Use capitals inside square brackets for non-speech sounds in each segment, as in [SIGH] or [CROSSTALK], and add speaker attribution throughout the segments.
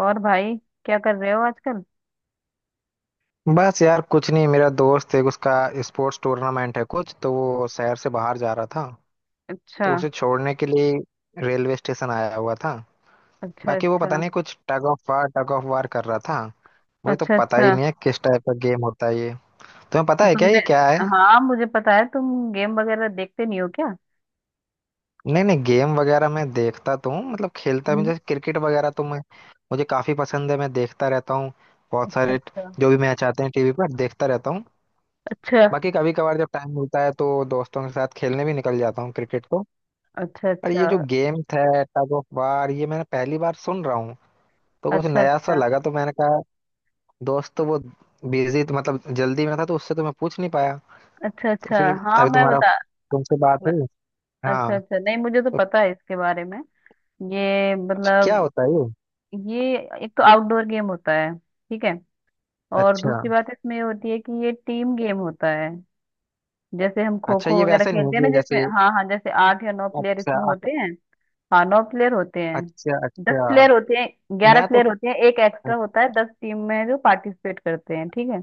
Speaker 1: और भाई, क्या कर रहे हो आजकल।
Speaker 2: बस यार, कुछ नहीं। मेरा दोस्त है, उसका स्पोर्ट्स टूर्नामेंट है कुछ, तो वो शहर से बाहर जा रहा था,
Speaker 1: अच्छा।
Speaker 2: तो उसे छोड़ने के लिए रेलवे स्टेशन आया हुआ था।
Speaker 1: अच्छा
Speaker 2: बाकी वो पता
Speaker 1: अच्छा।
Speaker 2: नहीं कुछ टग ऑफ वार कर रहा था। मुझे तो
Speaker 1: अच्छा।
Speaker 2: पता ही
Speaker 1: अच्छा।
Speaker 2: नहीं है किस टाइप का गेम होता है ये। तुम्हें पता
Speaker 1: तो
Speaker 2: है क्या
Speaker 1: तुमने
Speaker 2: ये क्या है?
Speaker 1: हाँ, मुझे पता है, तुम गेम वगैरह देखते नहीं हो क्या।
Speaker 2: नहीं नहीं, गेम वगैरह मैं देखता तो हूँ, मतलब खेलता भी हूँ।
Speaker 1: हम्म।
Speaker 2: जैसे क्रिकेट वगैरह तो मैं मुझे काफी पसंद है, मैं देखता रहता हूँ। बहुत
Speaker 1: अच्छा
Speaker 2: सारे ट-
Speaker 1: अच्छा
Speaker 2: जो भी मैच आते हैं टीवी पर देखता रहता हूँ।
Speaker 1: अच्छा।
Speaker 2: बाकी कभी कभार जब टाइम मिलता है तो दोस्तों के साथ खेलने भी निकल जाता हूँ क्रिकेट तो।
Speaker 1: अच्छा।
Speaker 2: और ये
Speaker 1: अच्छा
Speaker 2: जो गेम है टग ऑफ वार, ये मैंने पहली बार सुन रहा हूँ, तो कुछ
Speaker 1: अच्छा।
Speaker 2: नया सा
Speaker 1: अच्छा
Speaker 2: लगा, तो मैंने कहा दोस्त तो वो बिजी तो, मतलब जल्दी में था, तो उससे तो मैं पूछ नहीं पाया।
Speaker 1: अच्छा।
Speaker 2: तो
Speaker 1: अच्छा।
Speaker 2: फिर
Speaker 1: हाँ
Speaker 2: अभी
Speaker 1: मैं
Speaker 2: तुम्हारा
Speaker 1: बता
Speaker 2: तुमसे बात
Speaker 1: मैं-
Speaker 2: हुई।
Speaker 1: अच्छा
Speaker 2: हाँ।
Speaker 1: अच्छा, नहीं मुझे तो
Speaker 2: तो
Speaker 1: पता है इसके बारे में। ये
Speaker 2: अच्छा, क्या
Speaker 1: मतलब
Speaker 2: होता है ये?
Speaker 1: ये एक तो आउटडोर गेम होता है, ठीक है। और
Speaker 2: अच्छा
Speaker 1: दूसरी बात इसमें ये होती है कि ये टीम गेम होता है। जैसे हम खो
Speaker 2: अच्छा,
Speaker 1: खो
Speaker 2: ये
Speaker 1: वगैरह
Speaker 2: वैसे नहीं है
Speaker 1: खेलते हैं ना
Speaker 2: कि
Speaker 1: जिसमें,
Speaker 2: जैसे
Speaker 1: हाँ हाँ, जैसे आठ या नौ प्लेयर
Speaker 2: अच्छा
Speaker 1: इसमें
Speaker 2: अच-
Speaker 1: होते हैं। हाँ नौ प्लेयर होते हैं,
Speaker 2: अच्छा
Speaker 1: 10
Speaker 2: अच्छा।
Speaker 1: प्लेयर होते हैं, 11
Speaker 2: मैं तो
Speaker 1: प्लेयर होते हैं, एक एक्स्ट्रा होता है, 10 टीम में जो पार्टिसिपेट करते हैं, ठीक है।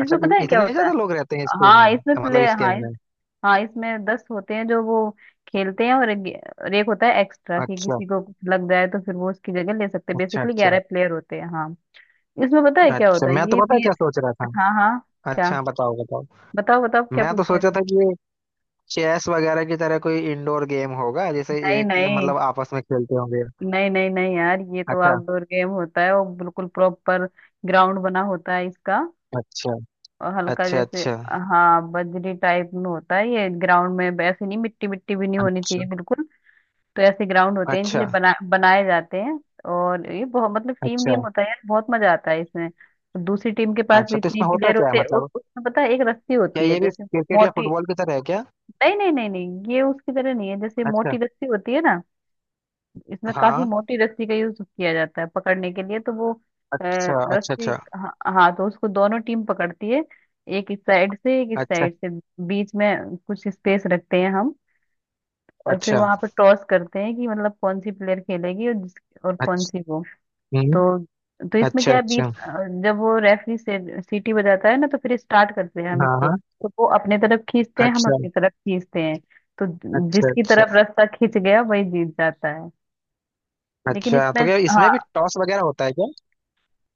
Speaker 2: अच्छा,
Speaker 1: इसमें पता है क्या
Speaker 2: इतने
Speaker 1: होता है।
Speaker 2: ज्यादा लोग रहते हैं इस गेम
Speaker 1: हाँ
Speaker 2: में,
Speaker 1: इसमें
Speaker 2: मतलब
Speaker 1: प्लेयर
Speaker 2: इस
Speaker 1: हाँ
Speaker 2: गेम
Speaker 1: इस,
Speaker 2: में?
Speaker 1: हाँ इसमें 10 होते हैं जो वो खेलते हैं, और एक होता है एक्स्ट्रा कि
Speaker 2: अच्छा
Speaker 1: किसी को कुछ लग जाए तो फिर वो उसकी जगह ले सकते हैं।
Speaker 2: अच्छा।
Speaker 1: बेसिकली
Speaker 2: अच्छा
Speaker 1: 11 प्लेयर होते हैं, हाँ। इसमें पता है क्या
Speaker 2: अच्छा।
Speaker 1: होता है,
Speaker 2: मैं तो
Speaker 1: ये
Speaker 2: पता है
Speaker 1: मेन।
Speaker 2: क्या सोच रहा था।
Speaker 1: हाँ हाँ। क्या।
Speaker 2: अच्छा, हाँ, बताओ बताओ।
Speaker 1: बताओ बताओ, क्या
Speaker 2: मैं तो
Speaker 1: पूछ रहे
Speaker 2: सोचा
Speaker 1: थे।
Speaker 2: था कि चेस वगैरह की तरह कोई इंडोर गेम होगा, जैसे
Speaker 1: नहीं
Speaker 2: एक
Speaker 1: नहीं,
Speaker 2: मतलब आपस में खेलते होंगे।
Speaker 1: नहीं नहीं नहीं यार ये तो
Speaker 2: अच्छा
Speaker 1: आउटडोर गेम होता है और बिल्कुल प्रॉपर ग्राउंड बना होता है इसका।
Speaker 2: अच्छा।
Speaker 1: और हल्का
Speaker 2: अच्छा
Speaker 1: जैसे,
Speaker 2: अच्छा।
Speaker 1: हाँ, बजरी टाइप में होता है ये ग्राउंड में, ऐसे नहीं, मिट्टी मिट्टी भी नहीं होनी
Speaker 2: अच्छा
Speaker 1: चाहिए बिल्कुल। तो ऐसे ग्राउंड होते हैं, इनके
Speaker 2: अच्छा।
Speaker 1: लिए बना बनाए जाते हैं। और ये बहुत मतलब टीम
Speaker 2: अच्छा
Speaker 1: गेम होता है यार, बहुत मजा आता है इसमें। दूसरी टीम के पास भी
Speaker 2: अच्छा। तो
Speaker 1: इतने
Speaker 2: इसमें होता
Speaker 1: प्लेयर
Speaker 2: क्या है,
Speaker 1: होते हैं।
Speaker 2: मतलब
Speaker 1: उसमें पता है, एक रस्सी
Speaker 2: क्या
Speaker 1: होती है
Speaker 2: ये भी
Speaker 1: जैसे
Speaker 2: क्रिकेट या
Speaker 1: मोटी।
Speaker 2: फुटबॉल की तरह है क्या?
Speaker 1: नहीं नहीं, ये उसकी तरह नहीं है। जैसे
Speaker 2: अच्छा।
Speaker 1: मोटी रस्सी होती है ना, इसमें काफी
Speaker 2: हाँ।
Speaker 1: मोटी रस्सी का यूज किया जाता है पकड़ने के लिए, तो वो अ,
Speaker 2: अच्छा अच्छा
Speaker 1: रस्सी,
Speaker 2: अच्छा।
Speaker 1: हाँ हाँ, तो उसको दोनों टीम पकड़ती है, एक इस साइड से, एक इस
Speaker 2: अच्छा
Speaker 1: साइड से। बीच में कुछ स्पेस रखते हैं हम, और फिर
Speaker 2: अच्छा
Speaker 1: वहां पर टॉस करते हैं कि मतलब कौन सी प्लेयर खेलेगी, और जिस, और कौन सी
Speaker 2: अच्छा।
Speaker 1: वो।
Speaker 2: हम्म।
Speaker 1: तो तो इसमें
Speaker 2: अच्छा
Speaker 1: क्या है, बीच
Speaker 2: अच्छा।
Speaker 1: जब वो रेफरी से सीटी बजाता है ना तो फिर स्टार्ट करते हैं हम
Speaker 2: हाँ
Speaker 1: इसको।
Speaker 2: हाँ।
Speaker 1: तो वो अपने तरफ खींचते हैं, हम
Speaker 2: अच्छा
Speaker 1: अपनी तरफ खींचते हैं। तो
Speaker 2: अच्छा।
Speaker 1: जिसकी
Speaker 2: अच्छा
Speaker 1: तरफ रास्ता खींच गया वही जीत जाता है। लेकिन
Speaker 2: अच्छा,
Speaker 1: इसमें,
Speaker 2: तो क्या
Speaker 1: हाँ,
Speaker 2: इसमें भी टॉस वगैरह होता है क्या?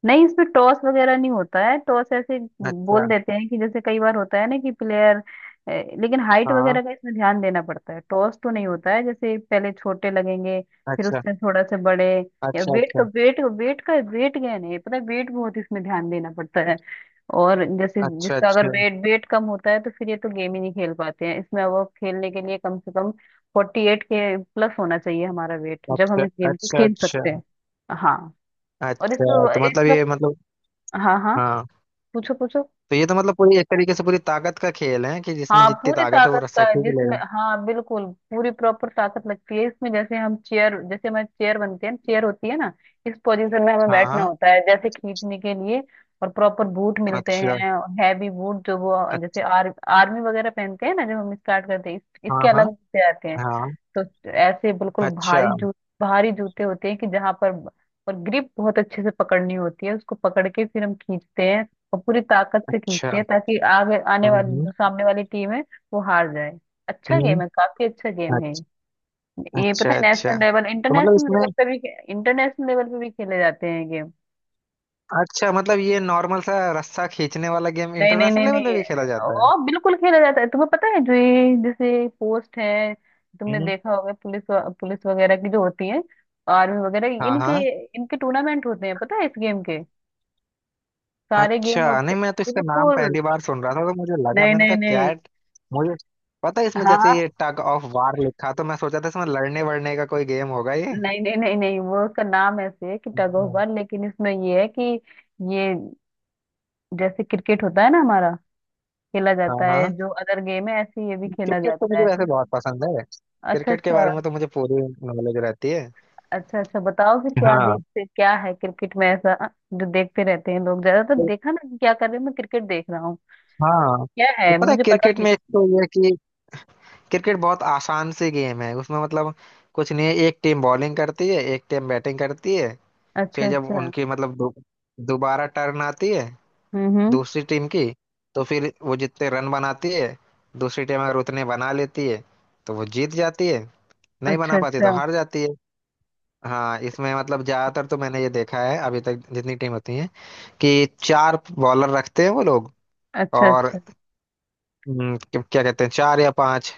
Speaker 1: नहीं इसमें टॉस वगैरह नहीं होता है। टॉस ऐसे बोल
Speaker 2: अच्छा।
Speaker 1: देते हैं कि, जैसे कई बार होता है ना कि प्लेयर, लेकिन हाइट
Speaker 2: हाँ।
Speaker 1: वगैरह का इसमें ध्यान देना पड़ता है। टॉस तो नहीं होता है। जैसे पहले छोटे लगेंगे, फिर
Speaker 2: अच्छा
Speaker 1: उससे थोड़ा से बड़े, या
Speaker 2: अच्छा।
Speaker 1: वेट का,
Speaker 2: अच्छा
Speaker 1: वेट वेट का वेट गेन है, पता है वेट बहुत इसमें ध्यान देना पड़ता है। और जैसे
Speaker 2: अच्छा। अच्छा
Speaker 1: जिसका अगर वेट वेट कम होता है तो फिर ये तो गेम ही नहीं खेल पाते हैं इसमें। अब खेलने के लिए कम से कम 48 के प्लस होना चाहिए हमारा वेट, जब
Speaker 2: अच्छा।
Speaker 1: हम इस गेम को
Speaker 2: अच्छा
Speaker 1: खेल
Speaker 2: अच्छा।
Speaker 1: सकते हैं, हाँ। और इसमें
Speaker 2: अच्छा। तो मतलब
Speaker 1: इसमें,
Speaker 2: ये मतलब
Speaker 1: हाँ हाँ,
Speaker 2: हाँ,
Speaker 1: पूछो पूछो।
Speaker 2: तो ये तो मतलब पूरी एक तरीके से पूरी ताकत का खेल है कि जिसमें
Speaker 1: हाँ
Speaker 2: जितनी
Speaker 1: पूरी
Speaker 2: ताकत है वो
Speaker 1: ताकत
Speaker 2: रस्सा
Speaker 1: का है
Speaker 2: खींच
Speaker 1: जिसमें,
Speaker 2: लेगा।
Speaker 1: हाँ बिल्कुल। पूरी प्रॉपर ताकत लगती है इसमें। जैसे हम चेयर, जैसे हमारी चेयर बनती है, चेयर होती है ना, इस पोजीशन में हमें
Speaker 2: हाँ
Speaker 1: बैठना
Speaker 2: हाँ।
Speaker 1: होता है जैसे खींचने के लिए। और प्रॉपर बूट मिलते
Speaker 2: अच्छा
Speaker 1: हैं, हैवी बूट। जो वो जैसे
Speaker 2: अच्छा।
Speaker 1: आर्मी वगैरह पहनते हैं ना, जब हम स्टार्ट करते हैं इसके
Speaker 2: हाँ हाँ
Speaker 1: अलग जूते आते हैं।
Speaker 2: हाँ।
Speaker 1: तो ऐसे बिल्कुल
Speaker 2: अच्छा
Speaker 1: भारी जूते होते हैं कि जहां पर। और ग्रिप बहुत अच्छे से पकड़नी होती है, उसको पकड़ के फिर हम खींचते हैं, और पूरी ताकत से
Speaker 2: अच्छा।
Speaker 1: खींचते हैं, ताकि आगे आने वाली जो
Speaker 2: हम्म।
Speaker 1: सामने वाली टीम है वो हार जाए। अच्छा
Speaker 2: हम्म,
Speaker 1: गेम है, काफी अच्छा गेम है।
Speaker 2: अच्छा।
Speaker 1: ये
Speaker 2: अच्छा
Speaker 1: पता है
Speaker 2: अच्छा।
Speaker 1: नेशनल लेवल,
Speaker 2: तो मतलब
Speaker 1: इंटरनेशनल
Speaker 2: इसमें
Speaker 1: लेवल पे भी, इंटरनेशनल लेवल पे भी खेले जाते हैं ये गेम।
Speaker 2: अच्छा, मतलब ये नॉर्मल सा रस्सा खींचने वाला गेम
Speaker 1: नहीं नहीं,
Speaker 2: इंटरनेशनल लेवल पे भी खेला जाता है?
Speaker 1: ओ बिल्कुल खेला जाता है। तुम्हें पता है जो ये जैसे पोस्ट है, तुमने
Speaker 2: हम्म।
Speaker 1: देखा होगा पुलिस पुलिस वगैरह की जो होती है, आर्मी वगैरह,
Speaker 2: हाँ
Speaker 1: इनके
Speaker 2: हाँ।
Speaker 1: इनके टूर्नामेंट होते हैं, पता है इस गेम के। सारे गेम
Speaker 2: अच्छा,
Speaker 1: होते।
Speaker 2: नहीं, मैं तो इसका नाम
Speaker 1: बिल्कुल।
Speaker 2: पहली बार सुन रहा था तो मुझे लगा,
Speaker 1: नहीं
Speaker 2: मैंने
Speaker 1: नहीं
Speaker 2: कहा
Speaker 1: नहीं।
Speaker 2: कैट, मुझे पता है इसमें
Speaker 1: हाँ हाँ।
Speaker 2: जैसे ये टग ऑफ वार लिखा, तो मैं सोचा था इसमें लड़ने वड़ने का कोई गेम होगा ये।
Speaker 1: नहीं नहीं, वो उसका नाम ऐसे है कि टग ऑफ
Speaker 2: हम्म।
Speaker 1: वार, लेकिन इसमें ये है कि ये, जैसे क्रिकेट होता है ना हमारा, खेला
Speaker 2: हाँ
Speaker 1: जाता है
Speaker 2: हाँ।
Speaker 1: जो अदर गेम है, ऐसे ही ये भी खेला
Speaker 2: क्रिकेट तो
Speaker 1: जाता
Speaker 2: मुझे
Speaker 1: है।
Speaker 2: वैसे बहुत पसंद है,
Speaker 1: अच्छा
Speaker 2: क्रिकेट के
Speaker 1: अच्छा।
Speaker 2: बारे में तो मुझे पूरी नॉलेज रहती है।
Speaker 1: अच्छा अच्छा, बताओ फिर, क्या
Speaker 2: हाँ।
Speaker 1: देखते क्या है क्रिकेट में ऐसा जो देखते रहते हैं लोग। ज्यादातर
Speaker 2: तो-
Speaker 1: देखा ना कि क्या कर रहे हैं, मैं क्रिकेट देख रहा हूँ,
Speaker 2: हाँ,
Speaker 1: क्या
Speaker 2: तो
Speaker 1: है
Speaker 2: पता है
Speaker 1: मुझे पता
Speaker 2: क्रिकेट
Speaker 1: नहीं।
Speaker 2: में एक तो ये है कि क्रिकेट बहुत आसान सी गेम है उसमें, मतलब कुछ नहीं है। एक टीम बॉलिंग करती है, एक टीम बैटिंग करती है।
Speaker 1: अच्छा
Speaker 2: फिर जब
Speaker 1: अच्छा।
Speaker 2: उनकी मतलब दोबारा टर्न आती है
Speaker 1: हम्म।
Speaker 2: दूसरी टीम की, तो फिर वो जितने रन बनाती है, दूसरी टीम अगर उतने बना लेती है तो वो जीत जाती है, नहीं
Speaker 1: अच्छा
Speaker 2: बना पाती तो
Speaker 1: अच्छा।
Speaker 2: हार जाती है। हाँ, इसमें मतलब ज्यादातर तो मैंने ये देखा है अभी तक जितनी टीम होती है कि चार बॉलर रखते हैं वो लोग,
Speaker 1: अच्छा
Speaker 2: और
Speaker 1: अच्छा।
Speaker 2: क्या क्या कहते हैं, चार या पांच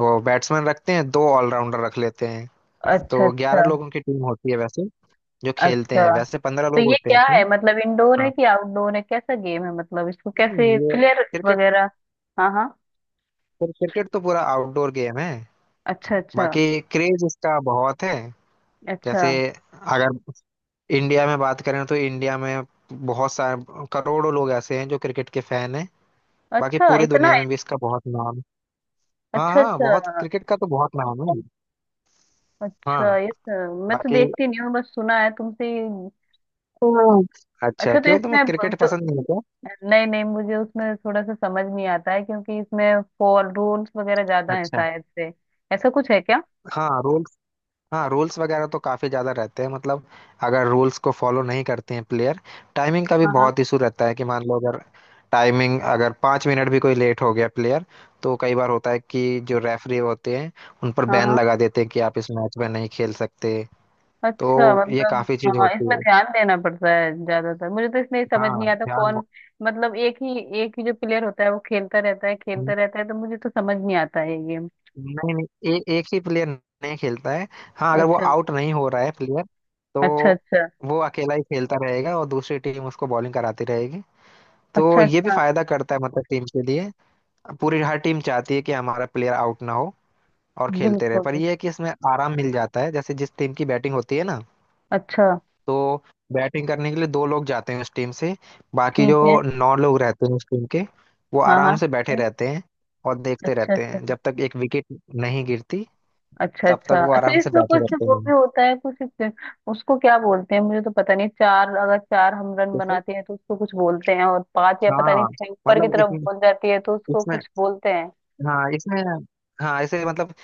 Speaker 2: वो बैट्समैन रखते हैं, दो ऑलराउंडर रख लेते हैं।
Speaker 1: अच्छा
Speaker 2: तो ग्यारह
Speaker 1: अच्छा।
Speaker 2: लोगों की टीम होती है वैसे जो खेलते
Speaker 1: अच्छा।
Speaker 2: हैं, वैसे पंद्रह
Speaker 1: तो
Speaker 2: लोग
Speaker 1: ये
Speaker 2: होते हैं
Speaker 1: क्या
Speaker 2: इसमें।
Speaker 1: है मतलब, इंडोर है
Speaker 2: हाँ,
Speaker 1: कि आउटडोर है, कैसा गेम है, मतलब इसको
Speaker 2: नहीं,
Speaker 1: कैसे
Speaker 2: ये
Speaker 1: प्लेयर
Speaker 2: क्रिकेट,
Speaker 1: वगैरह। हाँ हाँ।
Speaker 2: क्रिकेट तो पूरा आउटडोर गेम है।
Speaker 1: अच्छा अच्छा।
Speaker 2: बाकी क्रेज इसका बहुत है।
Speaker 1: अच्छा।
Speaker 2: जैसे अगर इंडिया में बात करें तो इंडिया में बहुत सारे करोड़ों लोग ऐसे हैं जो क्रिकेट के फैन हैं। बाकी
Speaker 1: अच्छा
Speaker 2: पूरी
Speaker 1: इतना
Speaker 2: दुनिया
Speaker 1: है।
Speaker 2: में भी इसका बहुत नाम है। हाँ
Speaker 1: अच्छा
Speaker 2: हाँ, बहुत,
Speaker 1: अच्छा।
Speaker 2: क्रिकेट का तो बहुत नाम है।
Speaker 1: अच्छा
Speaker 2: हाँ।
Speaker 1: मैं तो
Speaker 2: बाकी
Speaker 1: देखती नहीं हूँ, बस सुना है तुमसे ही।
Speaker 2: हाँ, अच्छा,
Speaker 1: अच्छा तो
Speaker 2: क्यों तुम्हें
Speaker 1: इसमें,
Speaker 2: क्रिकेट
Speaker 1: तो
Speaker 2: पसंद नहीं है क्या?
Speaker 1: नहीं नहीं, मुझे उसमें थोड़ा सा समझ नहीं आता है क्योंकि इसमें फॉर रूल्स वगैरह ज्यादा है
Speaker 2: अच्छा।
Speaker 1: शायद से। ऐसा कुछ है क्या।
Speaker 2: हाँ रोज, हाँ रूल्स वगैरह तो काफी ज्यादा रहते हैं, मतलब अगर रूल्स को फॉलो नहीं करते हैं प्लेयर, टाइमिंग का भी
Speaker 1: हाँ हाँ।
Speaker 2: बहुत इशू रहता है कि मान लो अगर टाइमिंग अगर पाँच मिनट भी कोई लेट हो गया प्लेयर, तो कई बार होता है कि जो रेफरी होते हैं उन पर
Speaker 1: हाँ
Speaker 2: बैन
Speaker 1: हाँ।
Speaker 2: लगा देते हैं कि आप इस मैच में नहीं खेल सकते।
Speaker 1: अच्छा
Speaker 2: तो ये
Speaker 1: मतलब,
Speaker 2: काफी चीज
Speaker 1: हाँ इसमें
Speaker 2: होती है।
Speaker 1: ध्यान देना पड़ता है ज्यादातर। मुझे तो इसमें समझ
Speaker 2: हाँ,
Speaker 1: नहीं आता
Speaker 2: ध्यान।
Speaker 1: कौन, मतलब एक ही जो प्लेयर होता है वो खेलता रहता है, खेलता रहता है, तो मुझे तो समझ नहीं आता है ये गेम।
Speaker 2: नहीं नहीं, एक ही प्लेयर नहीं खेलता है। हाँ अगर वो
Speaker 1: अच्छा।
Speaker 2: आउट नहीं हो रहा है प्लेयर, तो
Speaker 1: अच्छा अच्छा।
Speaker 2: वो अकेला ही खेलता रहेगा और दूसरी टीम उसको बॉलिंग कराती रहेगी, तो
Speaker 1: अच्छा
Speaker 2: ये भी
Speaker 1: अच्छा।
Speaker 2: फायदा करता है, मतलब टीम के लिए। पूरी हर टीम चाहती है कि हमारा प्लेयर आउट ना हो और खेलते रहे, पर
Speaker 1: बिल्कुल।
Speaker 2: ये है कि इसमें आराम मिल जाता है, जैसे जिस टीम की बैटिंग होती है ना,
Speaker 1: अच्छा।
Speaker 2: तो बैटिंग करने के लिए दो लोग जाते हैं उस टीम से, बाकी
Speaker 1: ठीक
Speaker 2: जो
Speaker 1: है।
Speaker 2: नौ लोग रहते हैं उस टीम के, वो
Speaker 1: हाँ हाँ
Speaker 2: आराम से बैठे
Speaker 1: ठीक है।
Speaker 2: रहते हैं और देखते
Speaker 1: अच्छा
Speaker 2: रहते
Speaker 1: अच्छा।
Speaker 2: हैं जब तक एक विकेट नहीं गिरती,
Speaker 1: अच्छा
Speaker 2: तब तक
Speaker 1: अच्छा।
Speaker 2: वो
Speaker 1: अच्छा,
Speaker 2: आराम से
Speaker 1: इसमें
Speaker 2: बैठे
Speaker 1: कुछ
Speaker 2: रहते
Speaker 1: वो
Speaker 2: हैं।
Speaker 1: भी होता है। कुछ उसको क्या बोलते हैं मुझे तो पता नहीं। चार, अगर चार हम रन
Speaker 2: जैसे
Speaker 1: बनाते हैं तो उसको कुछ बोलते हैं, और पांच या पता नहीं
Speaker 2: हाँ,
Speaker 1: छह ऊपर की
Speaker 2: मतलब
Speaker 1: तरफ
Speaker 2: इसमें
Speaker 1: बोल जाती है तो उसको
Speaker 2: इसमें
Speaker 1: कुछ बोलते हैं।
Speaker 2: हाँ, इसमें हाँ ऐसे, मतलब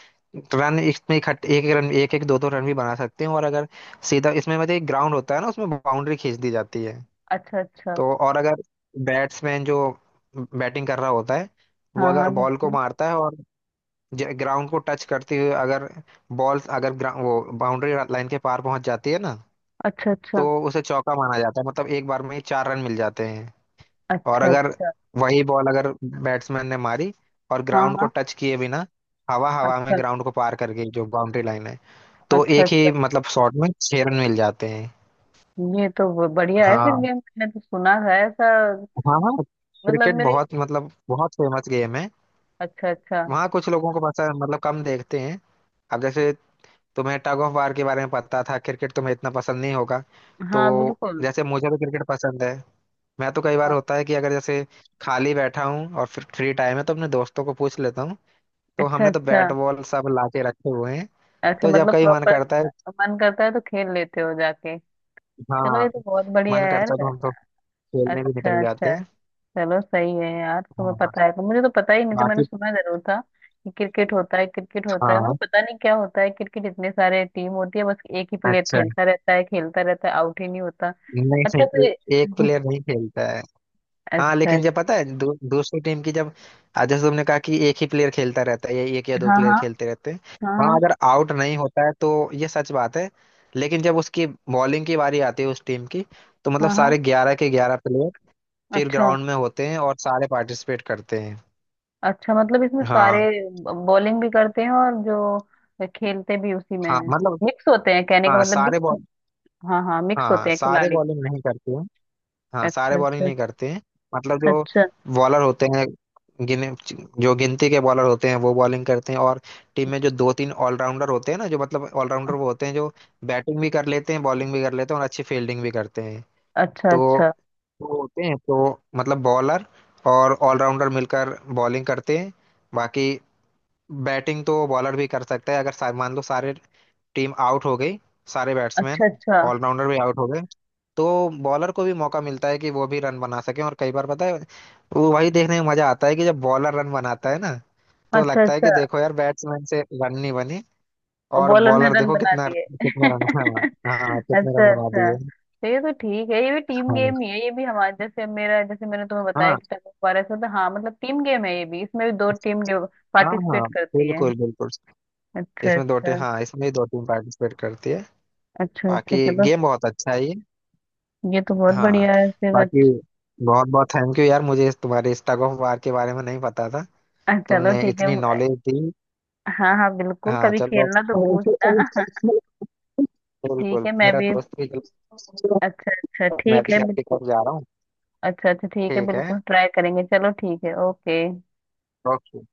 Speaker 2: रन इसमें इकट्ठे एक एक रन एक एक दो दो रन भी बना सकते हैं, और अगर सीधा इसमें मतलब एक ग्राउंड होता है ना उसमें बाउंड्री खींच दी जाती है,
Speaker 1: अच्छा अच्छा।
Speaker 2: तो और अगर बैट्समैन जो बैटिंग कर रहा होता है, वो
Speaker 1: हाँ हाँ
Speaker 2: अगर बॉल को
Speaker 1: बिल्कुल।
Speaker 2: मारता है और ग्राउंड को टच करते हुए अगर बॉल अगर वो बाउंड्री लाइन के पार पहुंच जाती है ना,
Speaker 1: अच्छा
Speaker 2: तो
Speaker 1: अच्छा।
Speaker 2: उसे चौका माना जाता है, मतलब एक बार में ही चार रन मिल जाते हैं। और
Speaker 1: अच्छा
Speaker 2: अगर
Speaker 1: अच्छा।
Speaker 2: वही बॉल अगर बैट्समैन ने मारी और
Speaker 1: हाँ
Speaker 2: ग्राउंड को
Speaker 1: हाँ।
Speaker 2: टच किए बिना हवा हवा में
Speaker 1: अच्छा
Speaker 2: ग्राउंड को पार करके गई, जो बाउंड्री लाइन है, तो
Speaker 1: अच्छा।
Speaker 2: एक
Speaker 1: अच्छा
Speaker 2: ही मतलब शॉट में छह रन मिल जाते हैं।
Speaker 1: ये तो, बढ़िया है फिर
Speaker 2: हाँ
Speaker 1: गेम, मैंने तो सुना था ऐसा।
Speaker 2: हाँ। हाँ,
Speaker 1: मतलब
Speaker 2: क्रिकेट
Speaker 1: मेरे।
Speaker 2: बहुत, मतलब बहुत फेमस गेम है।
Speaker 1: अच्छा अच्छा।
Speaker 2: वहाँ कुछ लोगों को पता, मतलब कम देखते हैं। अब जैसे तुम्हें टग ऑफ वार के बारे में पता था, क्रिकेट तुम्हें इतना पसंद नहीं होगा। तो
Speaker 1: हाँ बिल्कुल।
Speaker 2: जैसे मुझे तो क्रिकेट पसंद है, मैं तो कई बार
Speaker 1: अ-
Speaker 2: होता है कि अगर जैसे खाली बैठा हूँ और फिर फ्री टाइम है तो अपने दोस्तों को पूछ लेता हूँ, तो
Speaker 1: अच्छा
Speaker 2: हमने तो
Speaker 1: अच्छा।
Speaker 2: बैट बॉल सब लाके रखे हुए हैं।
Speaker 1: अच्छा
Speaker 2: तो जब
Speaker 1: मतलब
Speaker 2: कभी मन
Speaker 1: प्रॉपर,
Speaker 2: करता है,
Speaker 1: मन करता है तो खेल लेते हो जाके। चलो ये
Speaker 2: हाँ
Speaker 1: तो बहुत बढ़िया
Speaker 2: मन
Speaker 1: है यार।
Speaker 2: करता है तो हम तो खेलने भी निकल
Speaker 1: अच्छा
Speaker 2: जाते
Speaker 1: अच्छा।
Speaker 2: हैं।
Speaker 1: चलो सही है यार, तुम्हें
Speaker 2: हाँ।
Speaker 1: पता है, तो मुझे तो पता ही नहीं था, मैंने
Speaker 2: बाकी
Speaker 1: सुना जरूर था कि क्रिकेट होता है, क्रिकेट होता है, मैं
Speaker 2: हाँ,
Speaker 1: पता नहीं क्या होता है क्रिकेट। इतने सारे टीम होती है, बस एक ही प्लेयर
Speaker 2: अच्छा,
Speaker 1: खेलता रहता है, खेलता रहता है, आउट ही नहीं होता।
Speaker 2: नहीं
Speaker 1: अच्छा
Speaker 2: नहीं,
Speaker 1: तो ये,
Speaker 2: एक
Speaker 1: [LAUGHS]
Speaker 2: प्लेयर नहीं खेलता है। हाँ
Speaker 1: अच्छा अच्छा।
Speaker 2: लेकिन जब पता है दूसरी टीम की जब आज जैसे तुमने कहा कि एक ही प्लेयर खेलता रहता है या एक या दो
Speaker 1: हाँ
Speaker 2: प्लेयर
Speaker 1: हाँ।
Speaker 2: खेलते रहते हैं, हाँ
Speaker 1: हाँ
Speaker 2: अगर आउट नहीं होता है तो ये सच बात है, लेकिन जब उसकी बॉलिंग की बारी आती है उस टीम की, तो मतलब
Speaker 1: हाँ। हाँ हाँ।
Speaker 2: सारे ग्यारह के ग्यारह प्लेयर फिर
Speaker 1: अच्छा
Speaker 2: ग्राउंड में होते हैं और सारे पार्टिसिपेट करते हैं।
Speaker 1: अच्छा, मतलब इसमें सारे
Speaker 2: हाँ
Speaker 1: बॉलिंग भी करते हैं और जो खेलते भी उसी में
Speaker 2: हाँ,
Speaker 1: है,
Speaker 2: मतलब
Speaker 1: मिक्स होते हैं, कहने
Speaker 2: हाँ
Speaker 1: का मतलब
Speaker 2: सारे
Speaker 1: मिक्स,
Speaker 2: बॉल,
Speaker 1: हाँ हाँ मिक्स
Speaker 2: हाँ
Speaker 1: होते हैं
Speaker 2: सारे
Speaker 1: खिलाड़ी।
Speaker 2: बॉलिंग नहीं करते हैं, हाँ
Speaker 1: अच्छा
Speaker 2: सारे बॉलिंग
Speaker 1: अच्छा।
Speaker 2: नहीं करते हैं, मतलब जो
Speaker 1: अच्छा।
Speaker 2: बॉलर होते हैं, गिने, जो गिनती के बॉलर होते हैं वो बॉलिंग करते हैं, और टीम में जो दो तीन ऑलराउंडर होते हैं ना, जो मतलब ऑलराउंडर वो होते हैं जो बैटिंग भी कर लेते हैं बॉलिंग भी कर लेते हैं और अच्छी फील्डिंग भी करते हैं,
Speaker 1: अच्छा
Speaker 2: तो
Speaker 1: अच्छा।
Speaker 2: वो होते हैं, तो मतलब बॉलर और ऑलराउंडर मिलकर बॉलिंग करते हैं। बाकी बैटिंग तो बॉलर भी कर सकता है अगर मान लो सारे टीम आउट हो गई, सारे बैट्समैन
Speaker 1: अच्छा अच्छा।
Speaker 2: ऑलराउंडर भी आउट हो गए, तो बॉलर को भी मौका मिलता है कि वो भी रन बना सके, और कई बार पता है, वो वही देखने में मजा आता है कि जब बॉलर रन बनाता है ना, तो
Speaker 1: अच्छा।
Speaker 2: लगता है
Speaker 1: अच्छा
Speaker 2: कि देखो यार बैट्समैन से रन नहीं बनी, और
Speaker 1: बॉलर ने
Speaker 2: बॉलर
Speaker 1: रन
Speaker 2: देखो
Speaker 1: बना
Speaker 2: कितना
Speaker 1: दिए।
Speaker 2: कितने
Speaker 1: [LAUGHS]
Speaker 2: रन। हाँ हाँ, कितने
Speaker 1: अच्छा
Speaker 2: रन बना
Speaker 1: अच्छा।
Speaker 2: दिए।
Speaker 1: तो ये तो ठीक है, ये भी टीम
Speaker 2: हाँ
Speaker 1: गेम ही है। ये भी हमारे जैसे, मेरा जैसे मैंने तुम्हें बताया
Speaker 2: हाँ
Speaker 1: कि टग ऑफ वार ऐसा होता है, हाँ मतलब टीम गेम है ये भी, इसमें भी दो टीम
Speaker 2: हाँ।
Speaker 1: पार्टिसिपेट
Speaker 2: हाँ
Speaker 1: करती है।
Speaker 2: बिल्कुल बिल्कुल,
Speaker 1: अच्छा
Speaker 2: इसमें दो टीम,
Speaker 1: अच्छा।
Speaker 2: हाँ इसमें दो टीम पार्टिसिपेट करती है।
Speaker 1: अच्छा अच्छा,
Speaker 2: बाकी
Speaker 1: चलो
Speaker 2: गेम बहुत अच्छा है ये।
Speaker 1: ये तो बहुत
Speaker 2: हाँ,
Speaker 1: बढ़िया है फिर।
Speaker 2: बाकी
Speaker 1: अच्छा।
Speaker 2: बहुत बहुत थैंक यू यार, मुझे तुम्हारे स्टग ऑफ वार के बारे में नहीं पता था,
Speaker 1: चलो
Speaker 2: तुमने
Speaker 1: ठीक है।
Speaker 2: इतनी नॉलेज दी।
Speaker 1: हाँ हाँ बिल्कुल,
Speaker 2: हाँ
Speaker 1: कभी
Speaker 2: चलो,
Speaker 1: खेलना तो पूछना। [LAUGHS] ठीक
Speaker 2: बिल्कुल
Speaker 1: है, मैं
Speaker 2: मेरा
Speaker 1: भी।
Speaker 2: दोस्त भी,
Speaker 1: अच्छा अच्छा
Speaker 2: मैं
Speaker 1: ठीक है
Speaker 2: भी आपके
Speaker 1: बिल्कुल।
Speaker 2: पास जा रहा हूँ।
Speaker 1: अच्छा अच्छा ठीक है,
Speaker 2: ठीक है।
Speaker 1: बिल्कुल ट्राई करेंगे। चलो ठीक है, ओके।
Speaker 2: ओके।